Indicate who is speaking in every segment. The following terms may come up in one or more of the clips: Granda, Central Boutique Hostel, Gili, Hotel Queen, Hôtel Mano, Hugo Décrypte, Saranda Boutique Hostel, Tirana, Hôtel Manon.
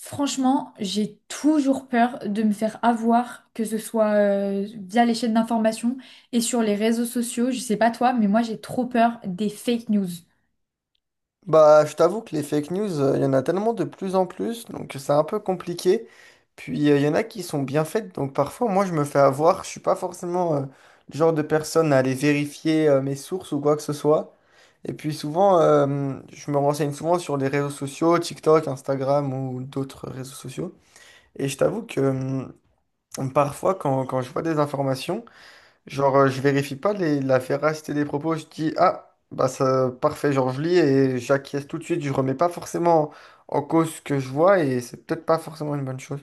Speaker 1: Franchement, j'ai toujours peur de me faire avoir, que ce soit via les chaînes d'information et sur les réseaux sociaux. Je sais pas toi, mais moi j'ai trop peur des fake news.
Speaker 2: Bah, je t'avoue que les fake news, il y en a tellement de plus en plus, donc c'est un peu compliqué. Puis il y en a qui sont bien faites, donc parfois moi je me fais avoir, je suis pas forcément le genre de personne à aller vérifier mes sources ou quoi que ce soit. Et puis souvent, je me renseigne souvent sur les réseaux sociaux, TikTok, Instagram ou d'autres réseaux sociaux. Et je t'avoue que parfois quand je vois des informations, genre, je vérifie pas la véracité des propos, je dis, ah, bah ça, parfait, genre je lis et j'acquiesce tout de suite, je remets pas forcément en cause ce que je vois et c'est peut-être pas forcément une bonne chose.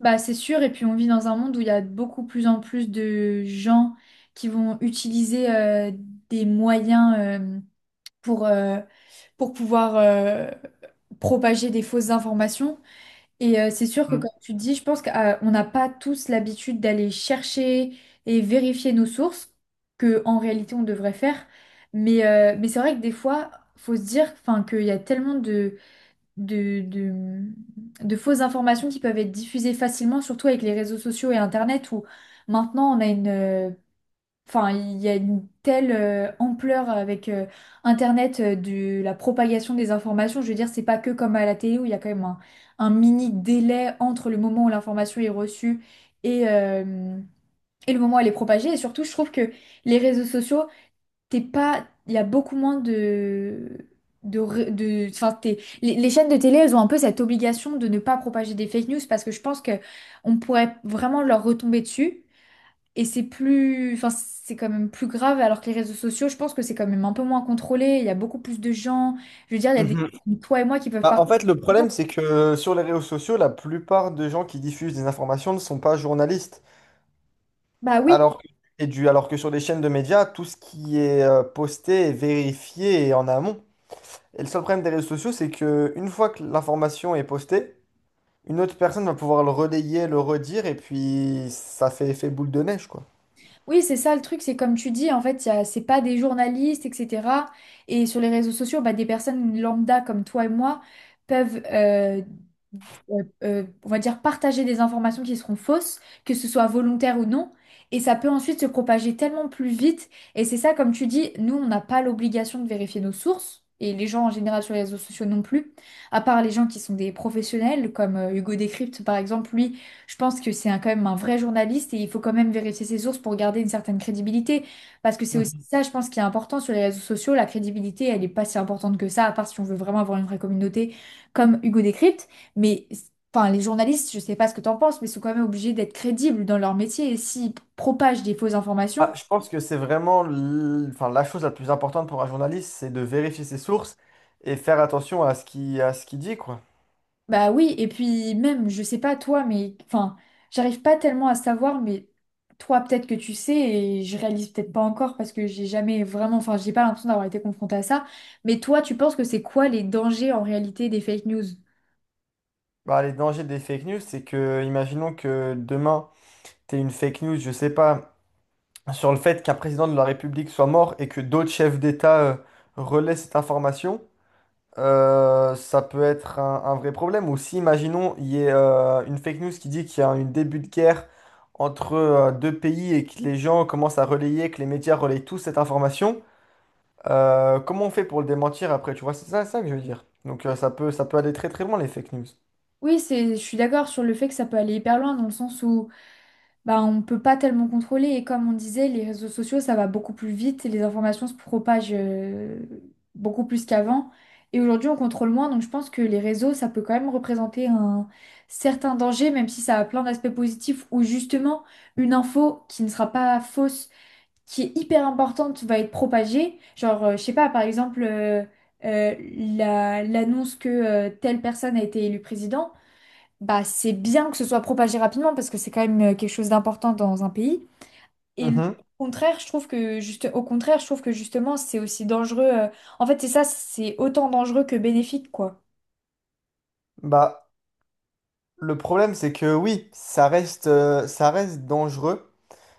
Speaker 1: Bah c'est sûr, et puis on vit dans un monde où il y a beaucoup plus en plus de gens qui vont utiliser des moyens pour, euh, pour pouvoir propager des fausses informations. Et c'est sûr que,
Speaker 2: Mhm.
Speaker 1: comme tu dis, je pense qu'on n'a pas tous l'habitude d'aller chercher et vérifier nos sources, que en réalité on devrait faire. Mais c'est vrai que des fois, faut se dire enfin, qu'il y a tellement de, de, de fausses informations qui peuvent être diffusées facilement, surtout avec les réseaux sociaux et Internet, où maintenant on a enfin, il y a une telle ampleur avec Internet, de la propagation des informations. Je veux dire, c'est pas que comme à la télé où il y a quand même un mini délai entre le moment où l'information est reçue et, euh, et le moment où elle est propagée. Et surtout, je trouve que les réseaux sociaux, t'es pas, il y a beaucoup moins enfin, les chaînes de télé, elles ont un peu cette obligation de ne pas propager des fake news, parce que je pense que on pourrait vraiment leur retomber dessus. Et c'est plus, enfin, c'est quand même plus grave, alors que les réseaux sociaux, je pense que c'est quand même un peu moins contrôlé. Il y a beaucoup plus de gens. Je veux dire, il y a des
Speaker 2: Mhm.
Speaker 1: gens comme toi et moi qui peuvent
Speaker 2: Bah, en
Speaker 1: partager.
Speaker 2: fait, le problème, c'est que sur les réseaux sociaux, la plupart des gens qui diffusent des informations ne sont pas journalistes.
Speaker 1: Bah oui.
Speaker 2: Alors que, alors que sur les chaînes de médias, tout ce qui est posté est vérifié et en amont. Et le seul problème des réseaux sociaux, c'est que une fois que l'information est postée, une autre personne va pouvoir le relayer, le redire, et puis ça fait effet boule de neige, quoi.
Speaker 1: Oui, c'est ça le truc, c'est comme tu dis, en fait, c'est pas des journalistes, etc. Et sur les réseaux sociaux, bah, des personnes lambda comme toi et moi peuvent, on va dire, partager des informations qui seront fausses, que ce soit volontaire ou non. Et ça peut ensuite se propager tellement plus vite. Et c'est ça, comme tu dis, nous, on n'a pas l'obligation de vérifier nos sources. Et les gens en général sur les réseaux sociaux non plus, à part les gens qui sont des professionnels, comme Hugo Décrypte par exemple. Lui, je pense que quand même un vrai journaliste et il faut quand même vérifier ses sources pour garder une certaine crédibilité. Parce que c'est aussi
Speaker 2: Mhm.
Speaker 1: ça, je pense, qui est important sur les réseaux sociaux. La crédibilité, elle n'est pas si importante que ça, à part si on veut vraiment avoir une vraie communauté comme Hugo Décrypte. Mais enfin, les journalistes, je sais pas ce que tu en penses, mais sont quand même obligés d'être crédibles dans leur métier. Et s'ils propagent des fausses informations…
Speaker 2: Ah, je pense que c'est vraiment enfin, la chose la plus importante pour un journaliste, c'est de vérifier ses sources et faire attention à ce qu'il dit, quoi.
Speaker 1: Bah oui, et puis même, je sais pas toi, mais enfin, j'arrive pas tellement à savoir, mais toi, peut-être que tu sais, et je réalise peut-être pas encore parce que j'ai jamais vraiment, enfin, j'ai pas l'impression d'avoir été confrontée à ça. Mais toi, tu penses que c'est quoi les dangers en réalité des fake news?
Speaker 2: Bah, les dangers des fake news, c'est que, imaginons que demain, t'aies une fake news, je sais pas, sur le fait qu'un président de la République soit mort et que d'autres chefs d'État, relaient cette information. Ça peut être un vrai problème. Ou si, imaginons, il y a une fake news qui dit qu'il y a un début de guerre entre deux pays et que les gens commencent à relayer, que les médias relayent tous cette information, comment on fait pour le démentir après? Tu vois, c'est ça, ça que je veux dire. Donc ça peut aller très très loin, les fake news.
Speaker 1: Oui, c'est, je suis d'accord sur le fait que ça peut aller hyper loin, dans le sens où bah, on ne peut pas tellement contrôler. Et comme on disait, les réseaux sociaux, ça va beaucoup plus vite et les informations se propagent beaucoup plus qu'avant. Et aujourd'hui, on contrôle moins. Donc, je pense que les réseaux, ça peut quand même représenter un certain danger, même si ça a plein d'aspects positifs où justement, une info qui ne sera pas fausse, qui est hyper importante, va être propagée. Genre, je sais pas, par exemple, euh, l'annonce que telle personne a été élue président, bah, c'est bien que ce soit propagé rapidement, parce que c'est quand même quelque chose d'important dans un pays. Et le
Speaker 2: Mhm.
Speaker 1: contraire, je trouve que juste, au contraire, je trouve que justement, c'est aussi dangereux. En fait, c'est ça, c'est autant dangereux que bénéfique, quoi.
Speaker 2: Bah, le problème, c'est que oui, ça reste dangereux.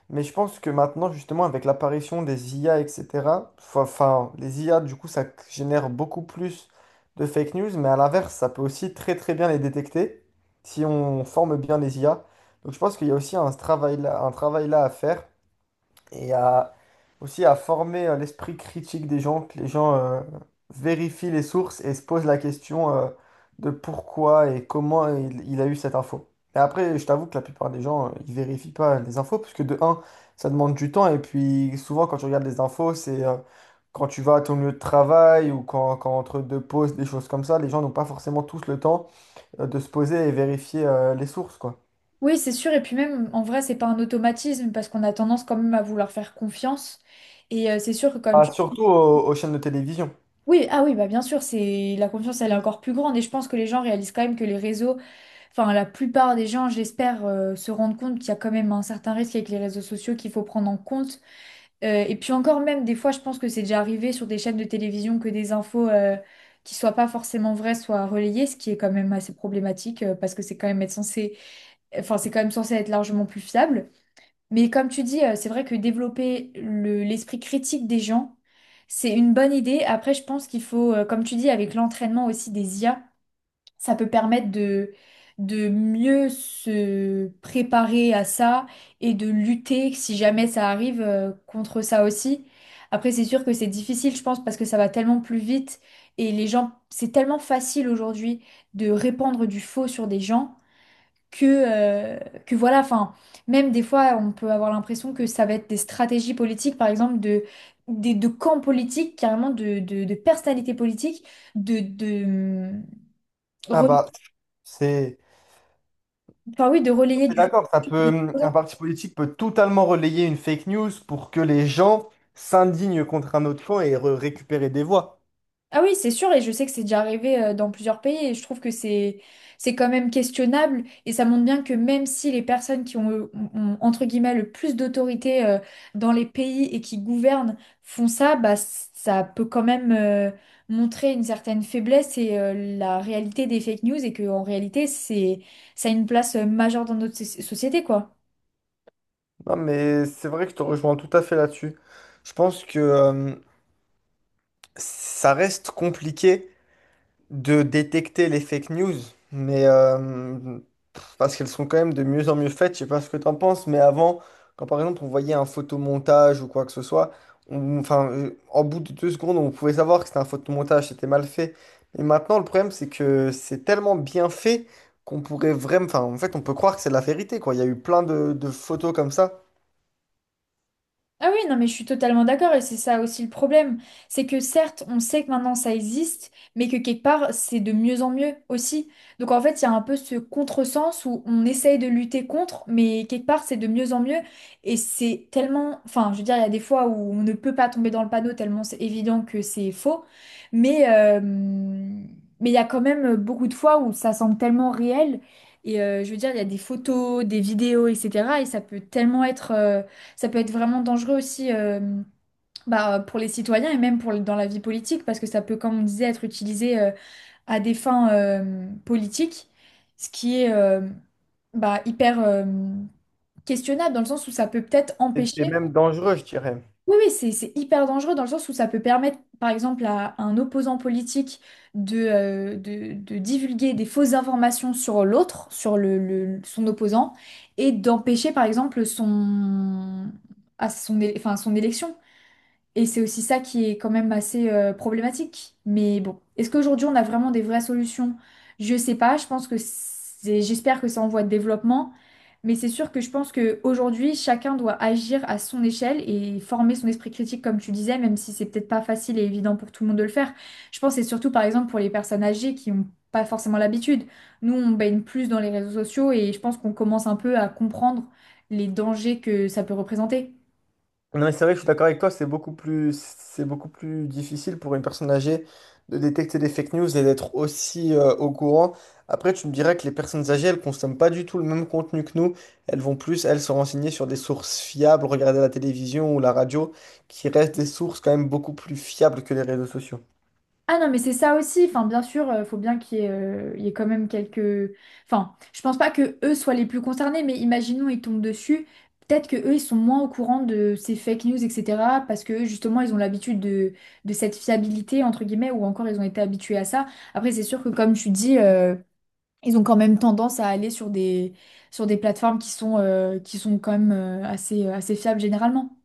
Speaker 2: Mais je pense que maintenant, justement, avec l'apparition des IA, etc., enfin, les IA, du coup, ça génère beaucoup plus de fake news, mais à l'inverse, ça peut aussi très très bien les détecter si on forme bien les IA. Donc je pense qu'il y a aussi un travail là à faire et à aussi à former l'esprit critique des gens, que les gens vérifient les sources et se posent la question de pourquoi et comment il a eu cette info. Et après, je t'avoue que la plupart des gens, ils vérifient pas les infos, parce que de un, ça demande du temps, et puis souvent quand tu regardes les infos, c'est quand tu vas à ton lieu de travail ou quand entre deux pauses, des choses comme ça, les gens n'ont pas forcément tous le temps de se poser et vérifier les sources, quoi.
Speaker 1: Oui, c'est sûr. Et puis même, en vrai, c'est pas un automatisme, parce qu'on a tendance quand même à vouloir faire confiance. Et c'est sûr que comme
Speaker 2: Ah,
Speaker 1: tu…
Speaker 2: surtout aux chaînes de télévision.
Speaker 1: Oui, ah oui, bah bien sûr, c'est la confiance, elle est encore plus grande. Et je pense que les gens réalisent quand même que les réseaux, enfin la plupart des gens, j'espère, se rendent compte qu'il y a quand même un certain risque avec les réseaux sociaux qu'il faut prendre en compte. Et puis encore même, des fois, je pense que c'est déjà arrivé sur des chaînes de télévision que des infos qui soient pas forcément vraies soient relayées, ce qui est quand même assez problématique, parce que c'est quand même être censé, enfin, c'est quand même censé être largement plus fiable. Mais comme tu dis, c'est vrai que développer l'esprit critique des gens, c'est une bonne idée. Après, je pense qu'il faut, comme tu dis, avec l'entraînement aussi des IA, ça peut permettre de mieux se préparer à ça et de lutter, si jamais ça arrive, contre ça aussi. Après, c'est sûr que c'est difficile, je pense, parce que ça va tellement plus vite et les gens, c'est tellement facile aujourd'hui de répandre du faux sur des gens. Que, voilà, enfin, même des fois, on peut avoir l'impression que ça va être des stratégies politiques, par exemple, de camps politiques, carrément de personnalités politiques, de, de,
Speaker 2: Ah
Speaker 1: hum,
Speaker 2: bah, c'est...
Speaker 1: enfin, oui, de relayer
Speaker 2: Mais
Speaker 1: du
Speaker 2: d'accord, ça
Speaker 1: des
Speaker 2: peut, un
Speaker 1: exposants.
Speaker 2: parti politique peut totalement relayer une fake news pour que les gens s'indignent contre un autre camp et récupérer des voix.
Speaker 1: Ah oui, c'est sûr, et je sais que c'est déjà arrivé dans plusieurs pays, et je trouve que c'est quand même questionnable, et ça montre bien que même si les personnes qui ont, ont, entre guillemets, le plus d'autorité dans les pays et qui gouvernent font ça, ça peut quand même montrer une certaine faiblesse et la réalité des fake news, et que en réalité c'est ça a une place majeure dans notre société, quoi.
Speaker 2: Non, mais c'est vrai que je te rejoins tout à fait là-dessus. Je pense que ça reste compliqué de détecter les fake news, mais euh, parce qu'elles sont quand même de mieux en mieux faites. Je sais pas ce que t'en penses, mais avant, quand par exemple on voyait un photomontage ou quoi que ce soit, enfin, en bout de deux secondes, on pouvait savoir que c'était un photomontage, c'était mal fait. Mais maintenant, le problème, c'est que c'est tellement bien fait qu'on pourrait vraiment, enfin, en fait, on peut croire que c'est la vérité, quoi. Il y a eu plein de photos comme ça.
Speaker 1: Ah oui, non, mais je suis totalement d'accord, et c'est ça aussi le problème. C'est que certes, on sait que maintenant ça existe, mais que quelque part, c'est de mieux en mieux aussi. Donc en fait, il y a un peu ce contresens où on essaye de lutter contre, mais quelque part, c'est de mieux en mieux. Et c'est tellement… Enfin, je veux dire, il y a des fois où on ne peut pas tomber dans le panneau tellement c'est évident que c'est faux. Mais euh, mais il y a quand même beaucoup de fois où ça semble tellement réel. Et je veux dire, il y a des photos, des vidéos, etc. Et ça peut tellement être… ça peut être vraiment dangereux aussi, bah, pour les citoyens et même pour, dans la vie politique, parce que ça peut, comme on disait, être utilisé à des fins politiques, ce qui est bah, hyper questionnable, dans le sens où ça peut peut-être
Speaker 2: C'était
Speaker 1: empêcher…
Speaker 2: même dangereux, je dirais.
Speaker 1: Oui, oui, c'est hyper dangereux, dans le sens où ça peut permettre, par exemple, à un opposant politique de, de divulguer des fausses informations sur l'autre, sur son opposant, et d'empêcher, par exemple, son… enfin, son élection. Et c'est aussi ça qui est quand même assez problématique. Mais bon, est-ce qu'aujourd'hui on a vraiment des vraies solutions? Je sais pas, je pense que c'est, j'espère que ça en voie de développement, mais c'est sûr que je pense qu'aujourd'hui chacun doit agir à son échelle et former son esprit critique comme tu disais, même si c'est peut-être pas facile et évident pour tout le monde de le faire. Je pense que c'est surtout par exemple pour les personnes âgées qui ont pas forcément l'habitude. Nous, on baigne plus dans les réseaux sociaux et je pense qu'on commence un peu à comprendre les dangers que ça peut représenter.
Speaker 2: Non, mais c'est vrai que je suis d'accord avec toi, c'est beaucoup plus difficile pour une personne âgée de détecter des fake news et d'être aussi au courant. Après, tu me dirais que les personnes âgées, elles consomment pas du tout le même contenu que nous. Elles vont plus, elles, se renseigner sur des sources fiables, regarder la télévision ou la radio, qui restent des sources quand même beaucoup plus fiables que les réseaux sociaux.
Speaker 1: Ah non, mais c'est ça aussi. Enfin, bien sûr, il faut bien qu'il y ait, il y ait quand même quelques… Enfin, je pense pas que eux soient les plus concernés, mais imaginons ils tombent dessus. Peut-être que eux, ils sont moins au courant de ces fake news, etc. Parce que eux, justement, ils ont l'habitude de cette fiabilité, entre guillemets, ou encore ils ont été habitués à ça. Après, c'est sûr que, comme tu dis, ils ont quand même tendance à aller sur des plateformes qui sont quand même assez, assez fiables généralement.